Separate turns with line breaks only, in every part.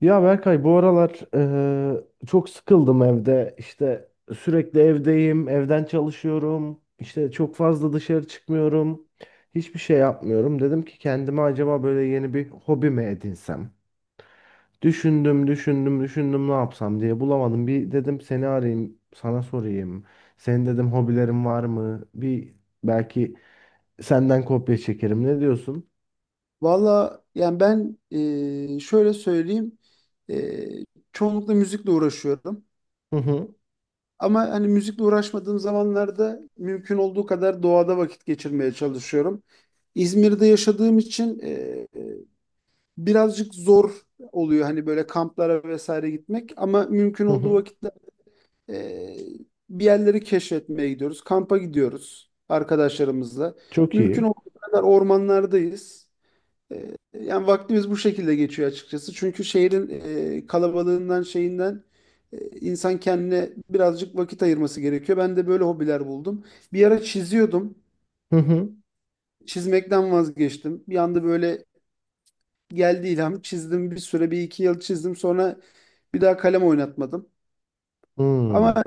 Ya Berkay bu aralar çok sıkıldım evde. İşte sürekli evdeyim, evden çalışıyorum. İşte çok fazla dışarı çıkmıyorum. Hiçbir şey yapmıyorum. Dedim ki kendime acaba böyle yeni bir hobi mi edinsem? Düşündüm, düşündüm, düşündüm ne yapsam diye bulamadım. Bir dedim seni arayayım, sana sorayım. Senin dedim hobilerin var mı? Bir belki senden kopya çekerim. Ne diyorsun?
Valla yani ben şöyle söyleyeyim e, çoğunlukla müzikle uğraşıyorum.
Hı hı,
Ama hani müzikle uğraşmadığım zamanlarda mümkün olduğu kadar doğada vakit geçirmeye çalışıyorum. İzmir'de yaşadığım için e, birazcık zor oluyor hani böyle kamplara vesaire gitmek. Ama mümkün
hı
olduğu
hı.
vakitte e, bir yerleri keşfetmeye gidiyoruz. Kampa gidiyoruz arkadaşlarımızla.
Çok
Mümkün
iyi.
olduğu kadar ormanlardayız. Yani vaktimiz bu şekilde geçiyor açıkçası. Çünkü şehrin kalabalığından şeyinden insan kendine birazcık vakit ayırması gerekiyor. Ben de böyle hobiler buldum. Bir ara çiziyordum.
Hı hı.
Çizmekten vazgeçtim. Bir anda böyle geldi ilham. Çizdim bir süre bir iki yıl çizdim. Sonra bir daha kalem oynatmadım. Ama
Hmm.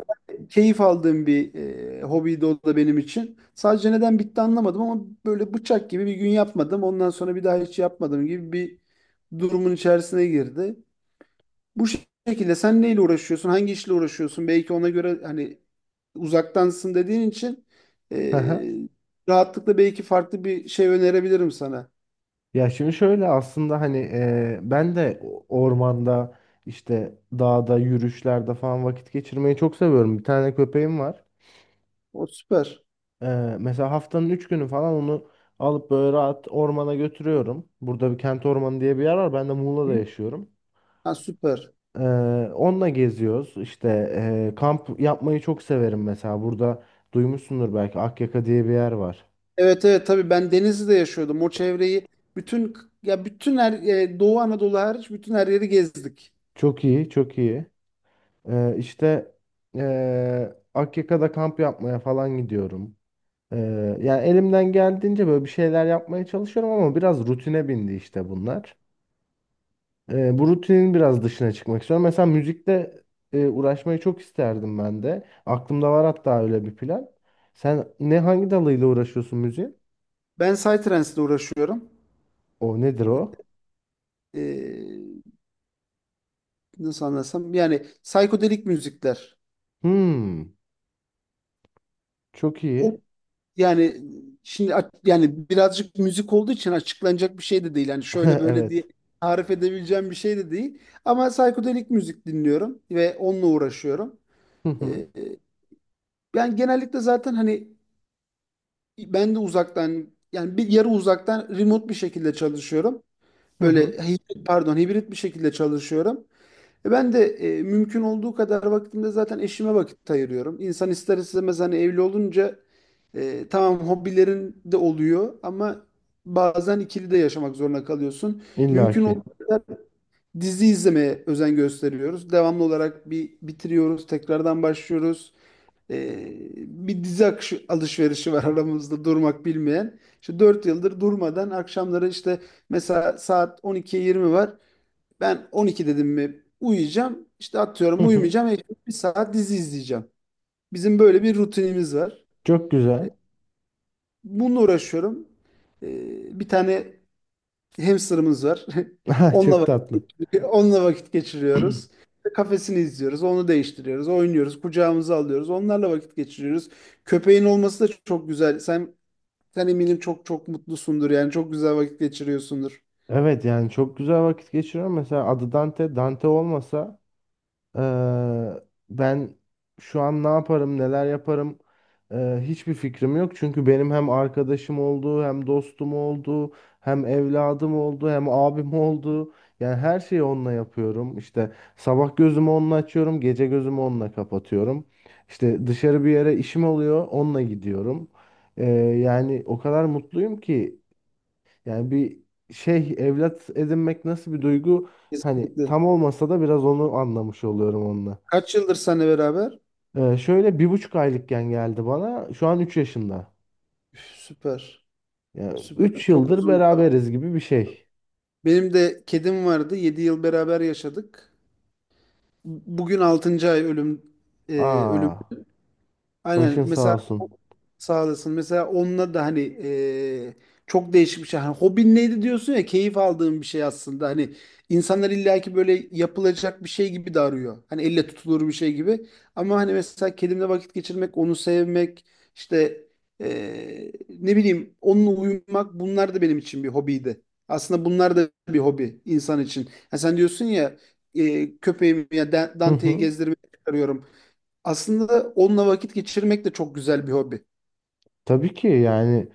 keyif aldığım bir hobiydi o da benim için. Sadece neden bitti anlamadım ama böyle bıçak gibi bir gün yapmadım. Ondan sonra bir daha hiç yapmadım gibi bir durumun içerisine girdi. Bu şekilde sen neyle uğraşıyorsun, hangi işle uğraşıyorsun? Belki ona göre hani uzaktansın dediğin için eee, rahatlıkla belki farklı bir şey önerebilirim sana.
Ya şimdi şöyle aslında hani ben de ormanda işte dağda yürüyüşlerde falan vakit geçirmeyi çok seviyorum. Bir tane köpeğim var.
O süper.
E, mesela haftanın 3 günü falan onu alıp böyle rahat ormana götürüyorum. Burada bir kent ormanı diye bir yer var. Ben de
Hı?
Muğla'da yaşıyorum.
Ha, süper.
E, onunla geziyoruz. İşte kamp yapmayı çok severim mesela. Burada duymuşsundur belki Akyaka diye bir yer var.
Evet, evet, tabii ben Denizli'de yaşıyordum. O çevreyi bütün ya bütün her Doğu Anadolu hariç bütün her yeri gezdik.
Çok iyi, çok iyi. İşte Akyaka'da kamp yapmaya falan gidiyorum. Yani elimden geldiğince böyle bir şeyler yapmaya çalışıyorum ama biraz rutine bindi işte bunlar. Bu rutinin biraz dışına çıkmak istiyorum. Mesela müzikle uğraşmayı çok isterdim ben de. Aklımda var hatta öyle bir plan. Sen ne hangi dalıyla uğraşıyorsun müziğin?
Ben Psytrance'le uğraşıyorum.
O nedir o?
Eee, nasıl anlasam, yani psikodelik müzikler.
Hmm, çok
O,
iyi.
yani şimdi yani birazcık müzik olduğu için açıklanacak bir şey de değil. Yani şöyle böyle diye
Evet.
tarif edebileceğim bir şey de değil. Ama psikodelik müzik dinliyorum ve onunla uğraşıyorum.
Hı
Ee,
hı.
e, ben genellikle zaten hani ben de uzaktan, yani bir yarı uzaktan remote bir şekilde çalışıyorum.
Hı
Böyle
hı.
hibrit, pardon, hibrit bir şekilde çalışıyorum. Ben de mümkün olduğu kadar vaktimde zaten eşime vakit ayırıyorum. İnsan ister istemez hani evli olunca tamam, hobilerin de oluyor ama bazen ikili de yaşamak zorunda kalıyorsun.
İlla
Mümkün olduğu
ki.
kadar dizi izlemeye özen gösteriyoruz. Devamlı olarak bir bitiriyoruz, tekrardan başlıyoruz. E, Bir dizi alışverişi var aramızda durmak bilmeyen. İşte 4 yıldır durmadan akşamları, işte mesela saat 12'ye 20 var. Ben 12 dedim mi uyuyacağım. İşte
Hı
atıyorum
hı.
uyumayacağım. Bir saat dizi izleyeceğim. Bizim böyle bir rutinimiz var.
Çok
E,
güzel.
Bununla uğraşıyorum. Bir tane hamsterımız var. Onunla
Çok tatlı.
onunla vakit geçiriyoruz. İşte kafesini izliyoruz. Onu değiştiriyoruz. Oynuyoruz. Kucağımıza alıyoruz. Onlarla vakit geçiriyoruz. Köpeğin olması da çok güzel. Sen eminim çok çok mutlusundur. Yani çok güzel vakit geçiriyorsundur.
Evet yani çok güzel vakit geçiriyorum. Mesela adı Dante. Dante olmasa eee, ben şu an ne yaparım, neler yaparım hiçbir fikrim yok. Çünkü benim hem arkadaşım oldu, hem dostum oldu, hem evladım oldu, hem abim oldu. Yani her şeyi onunla yapıyorum. İşte sabah gözümü onunla açıyorum, gece gözümü onunla kapatıyorum. İşte dışarı bir yere işim oluyor, onunla gidiyorum. Eee, yani o kadar mutluyum ki. Yani bir şey evlat edinmek nasıl bir duygu? Hani
Kesinlikle.
tam olmasa da biraz onu anlamış oluyorum onunla.
Kaç yıldır seninle beraber?
Şöyle 1,5 aylıkken geldi bana. Şu an 3 yaşında.
Üf, süper.
Yani
Süper.
3
Çok
yıldır
uzun bir
beraberiz gibi bir şey.
Benim de kedim vardı. 7 yıl beraber yaşadık. Bugün altıncı ay ölümden.
Aa,
Aynen,
başın sağ
mesela,
olsun.
sağ olasın. Mesela onunla da hani çok değişik bir şey. Hani hobin neydi diyorsun ya, keyif aldığın bir şey aslında. Hani insanlar illaki böyle yapılacak bir şey gibi de arıyor. Hani elle tutulur bir şey gibi. Ama hani mesela kedimle vakit geçirmek, onu sevmek, işte ne bileyim, onunla uyumak, bunlar da benim için bir hobiydi. Aslında bunlar da bir hobi insan için. Ha sen diyorsun ya köpeğimi ya Dante'yi gezdirmeye çıkarıyorum. Aslında onunla vakit geçirmek de çok güzel bir hobi.
Tabii ki yani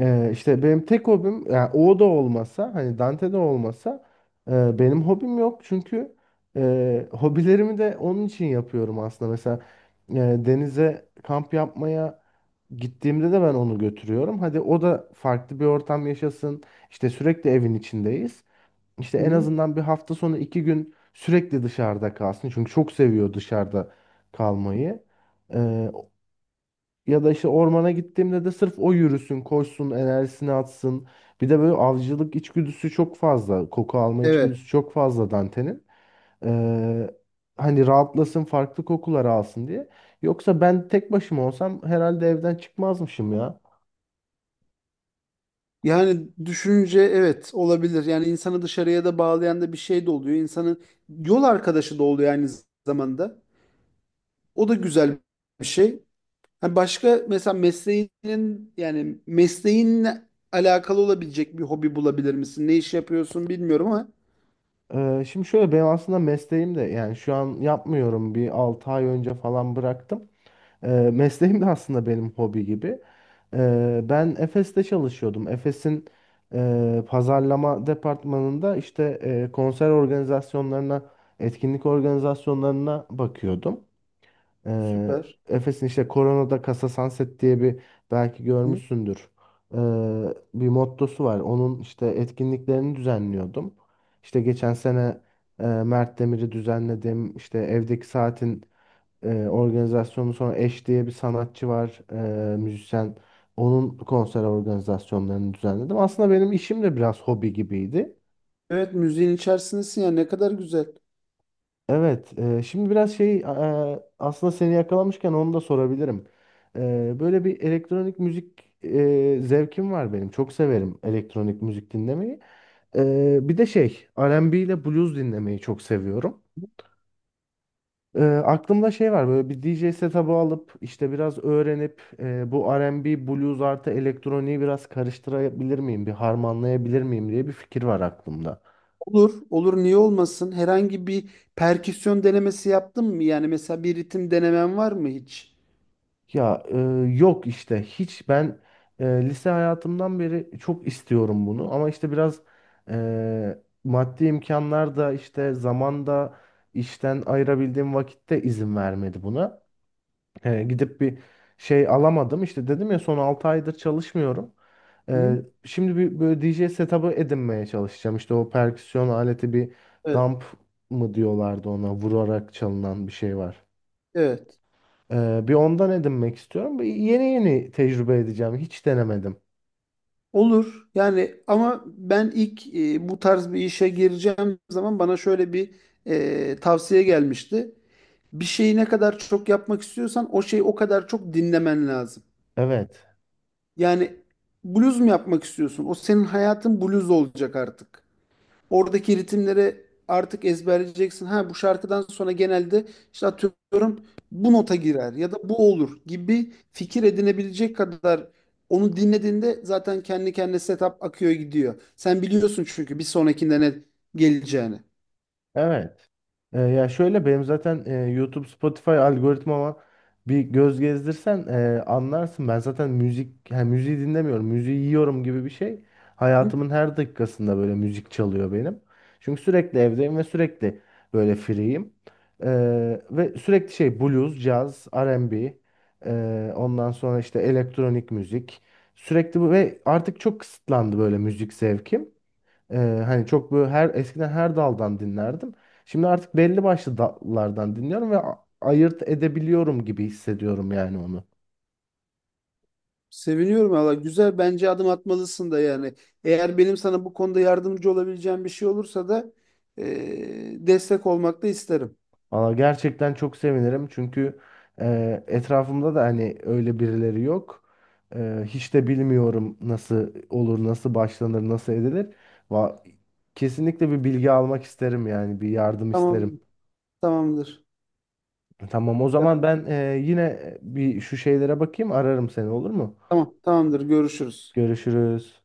işte benim tek hobim yani o da olmasa hani Dante de olmasa benim hobim yok çünkü hobilerimi de onun için yapıyorum aslında. Mesela e, denize kamp yapmaya gittiğimde de ben onu götürüyorum. Hadi o da farklı bir ortam yaşasın. İşte sürekli evin içindeyiz. İşte
Hı
en
hı.
azından bir hafta sonu 2 gün sürekli dışarıda kalsın. Çünkü çok seviyor dışarıda kalmayı. E, ya da işte ormana gittiğimde de sırf o yürüsün, koşsun, enerjisini atsın. Bir de böyle avcılık içgüdüsü çok fazla. Koku alma
Evet.
içgüdüsü çok fazla Dante'nin. Ee, hani rahatlasın, farklı kokular alsın diye. Yoksa ben tek başıma olsam herhalde evden çıkmazmışım ya.
Yani düşünce evet, olabilir. Yani insanı dışarıya da bağlayan da bir şey de oluyor. İnsanın yol arkadaşı da oluyor aynı zamanda. O da güzel bir şey. Ha başka, mesela mesleğinin, yani mesleğinle alakalı olabilecek bir hobi bulabilir misin? Ne iş yapıyorsun bilmiyorum ama
Şimdi şöyle benim aslında mesleğim de yani şu an yapmıyorum. Bir 6 ay önce falan bıraktım. Ee, mesleğim de aslında benim hobi gibi. Ben Efes'te çalışıyordum. Efes'in pazarlama departmanında işte konser organizasyonlarına, etkinlik organizasyonlarına bakıyordum. Ee,
süper.
Efes'in işte Corona'da Casa Sunset diye bir belki
Hı.
görmüşsündür. Ee, bir mottosu var. Onun işte etkinliklerini düzenliyordum. İşte geçen sene Mert Demir'i düzenledim. İşte evdeki saatin organizasyonu sonra Eş diye bir sanatçı var, müzisyen. Onun konser organizasyonlarını düzenledim. Aslında benim işim de biraz hobi gibiydi.
Evet, müziğin içerisindesin ya, ne kadar güzel.
Evet, şimdi biraz şey aslında seni yakalamışken onu da sorabilirim. E, böyle bir elektronik müzik zevkim var benim. Çok severim elektronik müzik dinlemeyi. E, bir de şey R&B ile blues dinlemeyi çok seviyorum. E, aklımda şey var böyle bir DJ setup'ı alıp işte biraz öğrenip bu R&B, blues artı elektroniği biraz karıştırabilir miyim, bir harmanlayabilir miyim diye bir fikir var aklımda.
Olur, olur, niye olmasın? Herhangi bir perküsyon denemesi yaptın mı? Yani mesela bir ritim denemen var mı hiç?
Ya yok işte hiç ben lise hayatımdan beri çok istiyorum bunu ama işte biraz e, maddi imkanlar da işte zamanda işten ayırabildiğim vakitte izin vermedi buna. E, gidip bir şey alamadım. İşte dedim ya son 6 aydır çalışmıyorum. E,
Hı?
şimdi bir böyle D J setup'ı edinmeye çalışacağım. İşte o perküsyon aleti bir
Evet,
dump mı diyorlardı ona vurarak çalınan bir şey var.
evet.
E, bir ondan edinmek istiyorum. Bir yeni yeni tecrübe edeceğim. Hiç denemedim.
Olur. Yani ama ben ilk bu tarz bir işe gireceğim zaman bana şöyle bir tavsiye gelmişti. Bir şeyi ne kadar çok yapmak istiyorsan o şeyi o kadar çok dinlemen lazım.
Evet.
Yani bluz mu yapmak istiyorsun? O senin hayatın bluz olacak artık. Oradaki ritimleri artık ezberleyeceksin. Ha bu şarkıdan sonra genelde işte atıyorum bu nota girer ya da bu olur gibi fikir edinebilecek kadar onu dinlediğinde zaten kendi kendine setup akıyor gidiyor. Sen biliyorsun çünkü bir sonrakinde ne geleceğini.
Evet. E, ya şöyle benim zaten YouTube, Spotify algoritmama bir göz gezdirsen anlarsın. Ben zaten müzik, yani müziği dinlemiyorum, müziği yiyorum gibi bir şey.
Hı?
Hayatımın her dakikasında böyle müzik çalıyor benim. Çünkü sürekli evdeyim ve sürekli böyle free'yim. E, ve sürekli şey blues, caz, R&B, ondan sonra işte elektronik müzik. Sürekli bu ve artık çok kısıtlandı böyle müzik zevkim. Ee, hani çok böyle her eskiden her daldan dinlerdim. Şimdi artık belli başlı dallardan dinliyorum ve ayırt edebiliyorum gibi hissediyorum yani onu.
Seviniyorum valla. Güzel, bence adım atmalısın da yani. Eğer benim sana bu konuda yardımcı olabileceğim bir şey olursa da destek olmak da isterim.
Valla gerçekten çok sevinirim çünkü etrafımda da hani öyle birileri yok. E, hiç de bilmiyorum nasıl olur, nasıl başlanır, nasıl edilir. Va kesinlikle bir bilgi almak isterim yani bir yardım isterim.
Tamam, tamamdır.
Tamam o
Ya,
zaman ben yine bir şu şeylere bakayım ararım seni olur mu?
tamam, tamamdır. Görüşürüz.
Görüşürüz.